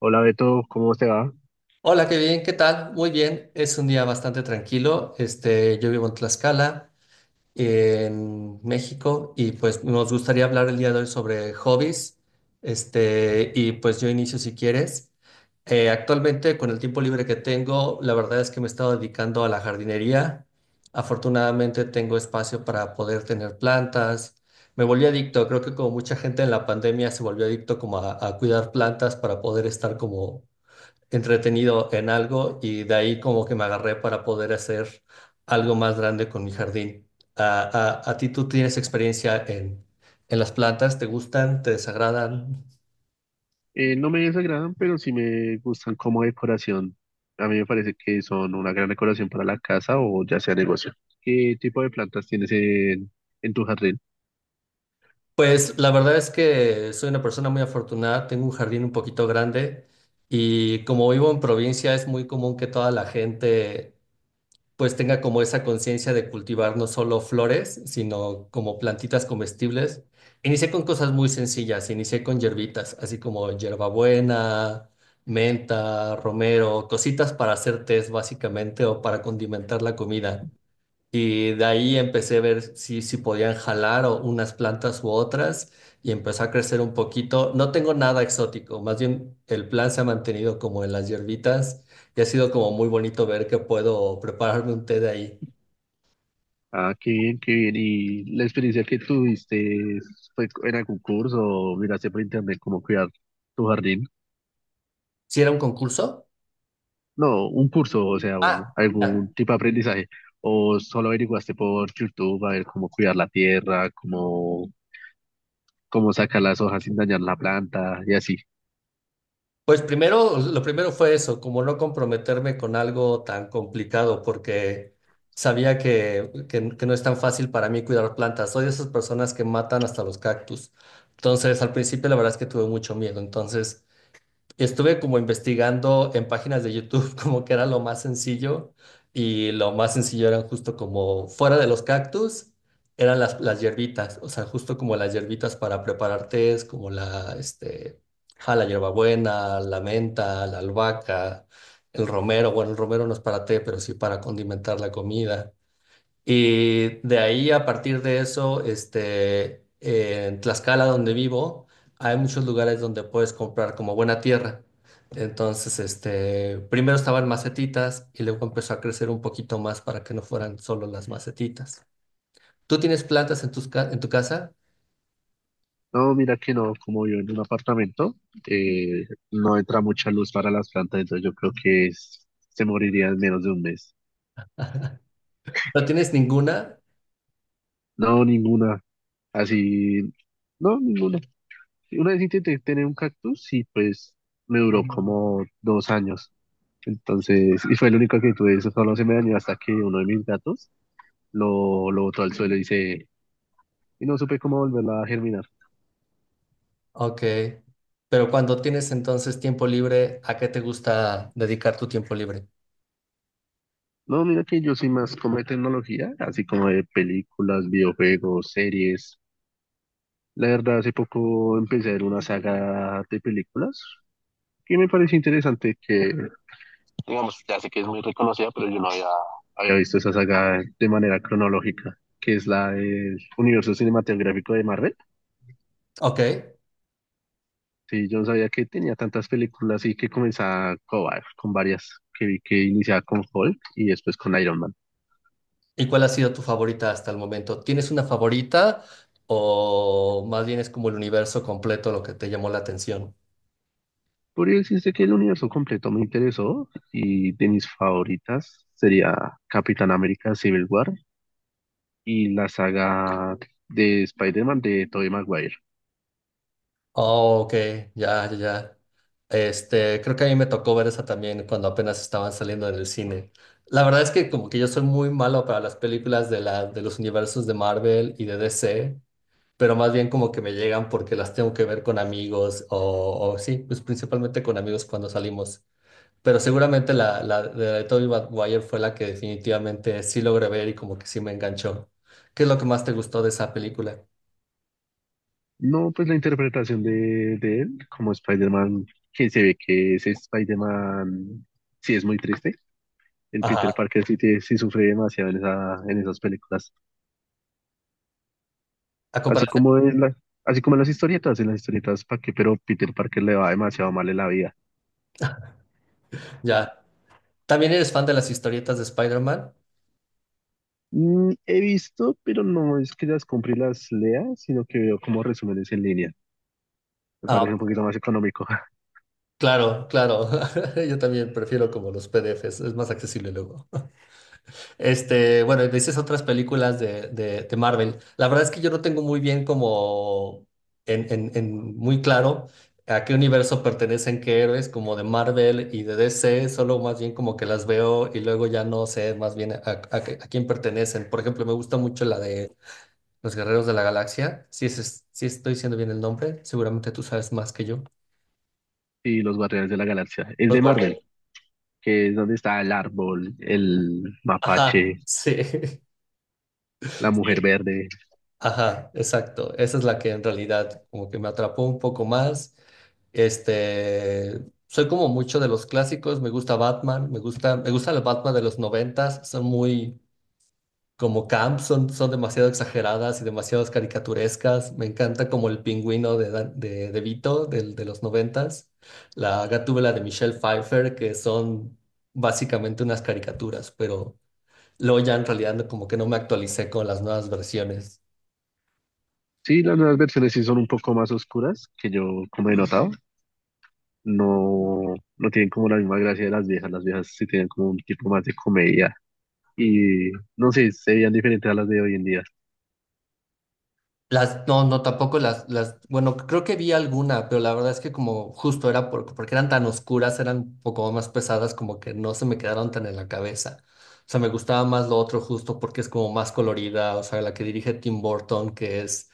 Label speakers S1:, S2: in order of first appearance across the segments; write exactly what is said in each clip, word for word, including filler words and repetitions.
S1: Hola Beto, ¿cómo te va?
S2: Hola, qué bien, ¿qué tal? Muy bien, es un día bastante tranquilo. Este, yo vivo en Tlaxcala, en México, y pues nos gustaría hablar el día de hoy sobre hobbies. Este, y pues yo inicio si quieres. Eh, actualmente, con el tiempo libre que tengo, la verdad es que me he estado dedicando a la jardinería. Afortunadamente, tengo espacio para poder tener plantas. Me volví adicto, creo que como mucha gente en la pandemia se volvió adicto como a, a cuidar plantas para poder estar como entretenido en algo y de ahí como que me agarré para poder hacer algo más grande con mi jardín. ¿A, a- a ti tú tienes experiencia en, en las plantas? ¿Te gustan? ¿Te desagradan?
S1: Eh, no me desagradan, pero sí me gustan como decoración. A mí me parece que son una gran decoración para la casa o ya sea negocio. ¿Qué tipo de plantas tienes en, en tu jardín?
S2: Pues la verdad es que soy una persona muy afortunada, tengo un jardín un poquito grande y como vivo en provincia es muy común que toda la gente pues tenga como esa conciencia de cultivar no solo flores, sino como plantitas comestibles. Inicié con cosas muy sencillas, inicié con hierbitas, así como hierbabuena, menta, romero, cositas para hacer tés básicamente o para condimentar la comida. Y de ahí empecé a ver si, si podían jalar o unas plantas u otras y empezó a crecer un poquito. No tengo nada exótico, más bien el plan se ha mantenido como en las hierbitas y ha sido como muy bonito ver que puedo prepararme un té de ahí.
S1: Ah, qué bien, qué bien. ¿Y la experiencia que tuviste fue en algún curso o miraste por internet cómo cuidar tu jardín?
S2: ¿Si era un concurso?
S1: No, un curso, o sea, un-
S2: Ah, ya.
S1: algún tipo de aprendizaje. ¿O solo averiguaste por YouTube a ver cómo cuidar la tierra, cómo cómo sacar las hojas sin dañar la planta y así?
S2: Pues primero, lo primero fue eso, como no comprometerme con algo tan complicado, porque sabía que, que- que no es tan fácil para mí cuidar plantas. Soy de esas personas que matan hasta los cactus. Entonces, al principio la verdad es que tuve mucho miedo. Entonces, estuve como investigando en páginas de YouTube como que era lo más sencillo y lo más sencillo eran justo como fuera de los cactus, eran las, las hierbitas, o sea, justo como las hierbitas para preparar tés, como la, este, ja, la hierbabuena, la menta, la albahaca, el romero, bueno, el romero no es para té, pero sí para condimentar la comida. Y de ahí, a partir de eso, este, en Tlaxcala, donde vivo, hay muchos lugares donde puedes comprar como buena tierra. Entonces, este, primero estaban macetitas y luego empezó a crecer un poquito más para que no fueran solo las macetitas. ¿Tú tienes plantas en tus ca- en tu casa?
S1: No, mira que no, como vivo en un apartamento, eh, no entra mucha luz para las plantas, entonces yo creo que es- se moriría en menos de un mes.
S2: ¿No tienes ninguna?
S1: No, ninguna. Así, no, ninguna. Una vez intenté tener un cactus y pues me duró como dos años. Entonces, y fue el único que tuve, eso solo se me dañó hasta que uno de mis gatos lo, lo botó al suelo y se, y no supe cómo volverla a germinar.
S2: Ok. Pero cuando tienes entonces tiempo libre, ¿a qué te gusta dedicar tu tiempo libre?
S1: No, mira que yo soy más como de tecnología, así como de películas, videojuegos, series. La verdad, hace poco empecé a ver una saga de películas que me pareció interesante que, digamos, ya sé que es muy reconocida, pero yo no había, había visto esa saga de manera cronológica, que es la del universo cinematográfico de Marvel.
S2: Ok.
S1: Sí, yo no sabía que tenía tantas películas y que comenzaba con, va- con varias, que vi que iniciaba con Hulk y después con Iron Man.
S2: ¿Y cuál ha sido tu favorita hasta el momento? ¿Tienes una favorita o más bien es como el universo completo lo que te llamó la atención?
S1: Podría decirse que el universo completo me interesó y de mis favoritas sería Capitán América Civil War y la saga de Spider-Man de Tobey Maguire.
S2: Oh, ok, ya, ya, ya. Este, creo que a mí me tocó ver esa también cuando apenas estaban saliendo en el cine. La verdad es que como que yo soy muy malo para las películas de la, de los universos de Marvel y de D C, pero más bien como que me llegan porque las tengo que ver con amigos o, o sí, pues principalmente con amigos cuando salimos. Pero seguramente la, la de Tobey Maguire fue la que definitivamente sí logré ver y como que sí me enganchó. ¿Qué es lo que más te gustó de esa película?
S1: No, pues la interpretación de, de él como Spider-Man, que se ve que ese Spider-Man sí es muy triste. El Peter
S2: Ajá,
S1: Parker sí, tiene- sí sufre demasiado en, esa, en esas películas.
S2: a
S1: Así
S2: comparación,
S1: como en la, así como en las historietas, en las historietas, ¿para qué? Pero Peter Parker le va demasiado mal en la vida.
S2: ya. ¿También eres fan de las historietas de Spider-Man?
S1: Mm, he visto, pero no es que las compre y las lea, sino que veo como resúmenes en línea. Me parece un
S2: Ah,
S1: poquito más económico.
S2: claro, claro. Yo también prefiero como los P D Es, es más accesible luego. Este, bueno, y dices otras películas de, de, de Marvel. La verdad es que yo no tengo muy bien como en, en, en muy claro a qué universo pertenecen qué héroes, como de Marvel y de D C, solo más bien como que las veo y luego ya no sé más bien a, a- a quién pertenecen. Por ejemplo, me gusta mucho la de Los Guerreros de la Galaxia. Si es, es- si estoy diciendo bien el nombre, seguramente tú sabes más que yo.
S1: Y los Guardianes de la Galaxia. Es
S2: Los
S1: de
S2: Guardianes.
S1: Marvel, que es donde está el árbol, el
S2: Ajá,
S1: mapache,
S2: sí.
S1: la mujer verde.
S2: Ajá, exacto. Esa es la que en realidad como que me atrapó un poco más. Este, soy como mucho de los clásicos, me gusta Batman, me gusta, me gusta el Batman de los noventas, son muy como camp, son, son demasiado exageradas y demasiado caricaturescas. Me encanta como el pingüino de, Dan- de, de Vito del, de los noventas, la Gatúbela de Michelle Pfeiffer, que son básicamente unas caricaturas, pero luego ya en realidad no- como que no me actualicé con las nuevas versiones.
S1: Sí, las nuevas versiones sí son un poco más oscuras, que yo como he notado. No, no tienen como la misma gracia de las viejas. Las viejas sí tienen como un tipo más de comedia. Y no sé, se veían diferentes a las de hoy en día.
S2: Las, no, no, tampoco las, las, bueno, creo que vi alguna, pero la verdad es que como justo era por- porque eran tan oscuras, eran un poco más pesadas, como que no se me quedaron tan en la cabeza. O sea, me gustaba más lo otro justo porque es como más colorida, o sea, la que dirige Tim Burton, que es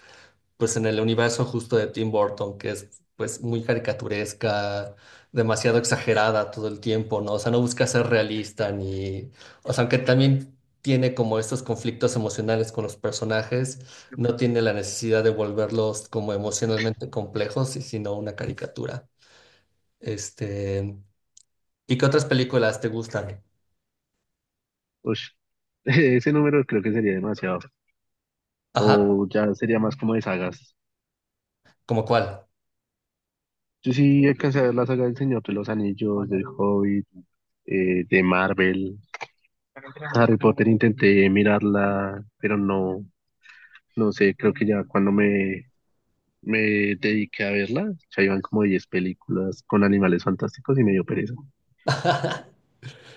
S2: pues en el universo justo de Tim Burton, que es pues muy caricaturesca, demasiado exagerada todo el tiempo, ¿no? O sea, no busca ser realista ni, o sea, aunque también tiene como estos conflictos emocionales con los personajes, no tiene la necesidad de volverlos como emocionalmente complejos, y sino una caricatura. Este, ¿y qué otras películas te gustan?
S1: Ush, ese número creo que sería demasiado.
S2: Ajá,
S1: O ya sería más como de sagas.
S2: ¿como cuál?
S1: Yo sí alcancé a ver la saga del Señor de los Anillos, del Hobbit, eh, de Marvel. Harry Potter intenté mirarla, pero no, no sé, creo que ya cuando me, me dediqué a verla, ya iban como diez películas con animales fantásticos y me dio pereza.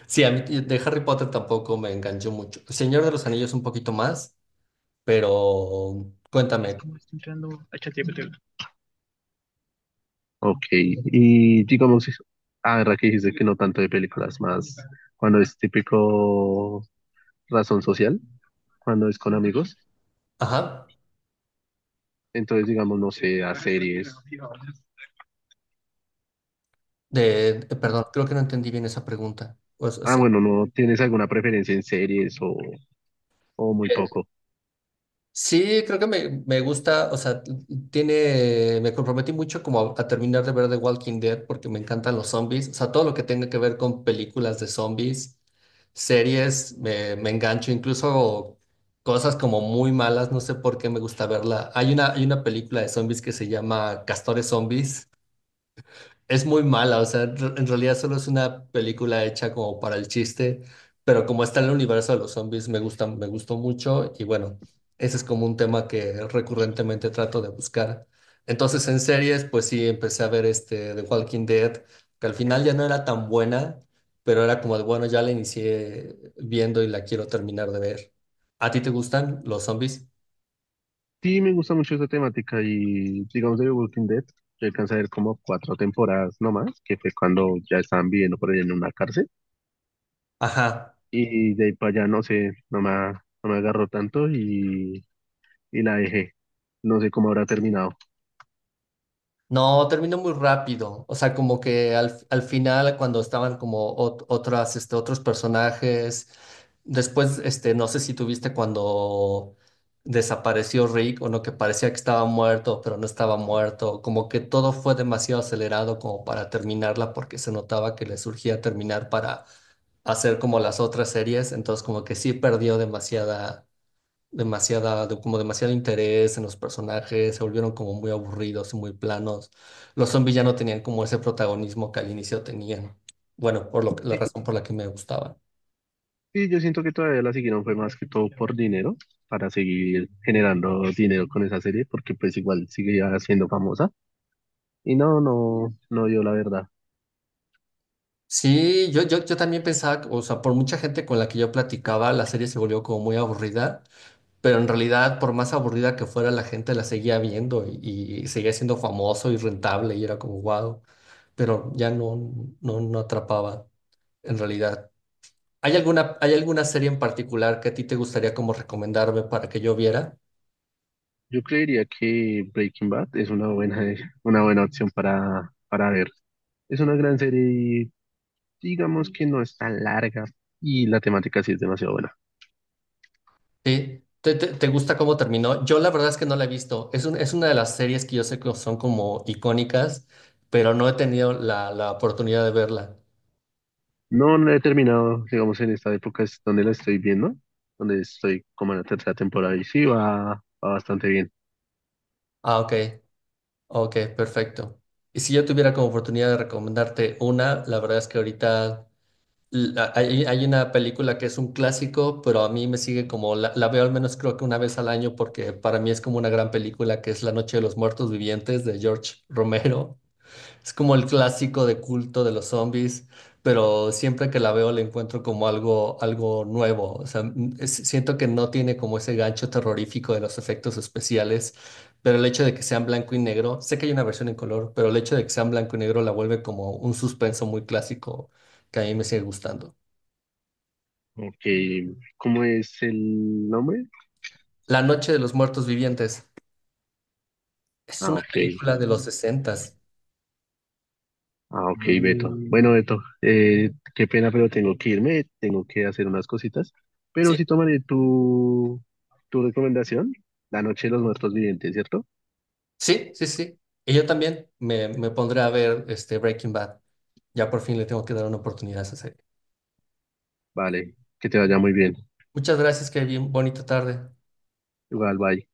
S2: Sí, a mí de Harry Potter tampoco me enganchó mucho. Señor de los Anillos un poquito más. Pero cuéntame,
S1: Ok, y digamos, ah, verdad que dijiste que no tanto de películas, más cuando es típico razón social, cuando es con amigos,
S2: ajá,
S1: entonces digamos, no sé, a series.
S2: de, de- perdón, creo que no entendí bien esa pregunta. O sea,
S1: Ah,
S2: se-
S1: bueno, ¿no tienes alguna preferencia en series o, o muy poco?
S2: sí, creo que me, me gusta, o sea, t- tiene, me comprometí mucho como a, a terminar de ver The Walking Dead porque me encantan los zombies, o sea, todo lo que tenga que ver con películas de zombies, series, me, me engancho, incluso cosas como muy malas, no sé por qué me gusta verla. Hay una, hay una película de zombies que se llama Castores Zombies. Es muy mala, o sea, en re- en realidad solo es una película hecha como para el chiste, pero como está en el universo de los zombies, me gusta, me gustó mucho y bueno, ese es como un tema que recurrentemente trato de buscar. Entonces, en series, pues sí, empecé a ver este The Walking Dead, que al final ya no era tan buena, pero era como de, bueno, ya la inicié viendo y la quiero terminar de ver. ¿A ti te gustan los zombies?
S1: Sí, me gusta mucho esta temática y digamos de The Walking Dead, yo alcancé a ver como cuatro temporadas nomás, que fue cuando ya estaban viviendo por ahí en una cárcel
S2: Ajá.
S1: y de ahí para allá no sé, no me, no me agarró tanto y, y la dejé. No sé cómo habrá terminado.
S2: No, terminó muy rápido. O sea, como que al, al final, cuando estaban como ot- otras, este, otros personajes, después, este, no sé si tuviste cuando desapareció Rick o no, que parecía que estaba muerto, pero no estaba muerto. Como que todo fue demasiado acelerado como para terminarla, porque se notaba que le surgía terminar para hacer como las otras series. Entonces, como que sí perdió demasiada demasiada, de- como demasiado interés en los personajes, se volvieron como muy aburridos y muy planos. Los zombies ya no tenían como ese protagonismo que al inicio tenían. Bueno, por lo, que- la
S1: Y,
S2: razón por la que me gustaban.
S1: y yo siento que todavía la siguieron fue más que todo por dinero, para seguir generando dinero con esa serie, porque pues igual seguía siendo famosa y no, no, no dio la verdad.
S2: Sí, yo, yo, yo también pensaba, o sea, por mucha gente con la que yo platicaba, la serie se volvió como muy aburrida, pero en realidad, por más aburrida que fuera, la gente la seguía viendo y, y seguía siendo famoso y rentable y era como wow, pero ya no, no, no atrapaba en realidad. ¿Hay alguna, ¿hay alguna serie en particular que a ti te gustaría como recomendarme para que yo viera?
S1: Yo creería que Breaking Bad es una buena, una buena opción para, para ver. Es una gran serie y digamos que no es tan larga y la temática sí es demasiado buena.
S2: Sí. ¿Te, te, te gusta cómo terminó? Yo la verdad es que no la he visto. Es, un- es una de las series que yo sé que son como icónicas, pero no he tenido la, la oportunidad de verla.
S1: No, no la he terminado, digamos, en esta época es donde la estoy viendo, donde estoy como en la tercera temporada y sí va, va bastante bien.
S2: Ah, ok, ok, perfecto. Y si yo tuviera como oportunidad de recomendarte una, la verdad es que ahorita la- Hay, hay una película que es un clásico, pero a mí me sigue como, la, la veo al menos creo que una vez al año porque para mí es como una gran película que es La Noche de los Muertos Vivientes de George Romero. Es como el clásico de culto de los zombies, pero siempre que la veo la encuentro como algo, algo nuevo. O sea, m- es- siento que no tiene como ese gancho terrorífico de los efectos especiales, pero el hecho de que sean blanco y negro, sé que hay una versión en color, pero el hecho de que sean blanco y negro la vuelve como un suspenso muy clásico que a mí me sigue gustando.
S1: Ok, ¿cómo es el nombre?
S2: La Noche de los Muertos Vivientes. Es
S1: Ah,
S2: una
S1: ok.
S2: película de los sesentas.
S1: Ah, ok, Beto. Bueno, Beto, eh, qué pena, pero tengo que irme, tengo que hacer unas cositas. Pero
S2: Sí,
S1: sí tomaré tu, tu recomendación, La Noche de los Muertos Vivientes, ¿cierto?
S2: sí, sí, sí. Y yo también me, me pondré a ver este Breaking Bad. Ya por fin le tengo que dar una oportunidad a esa serie.
S1: Vale, que te vaya muy bien.
S2: Muchas gracias, Kevin. Bonita tarde.
S1: Igual, bye.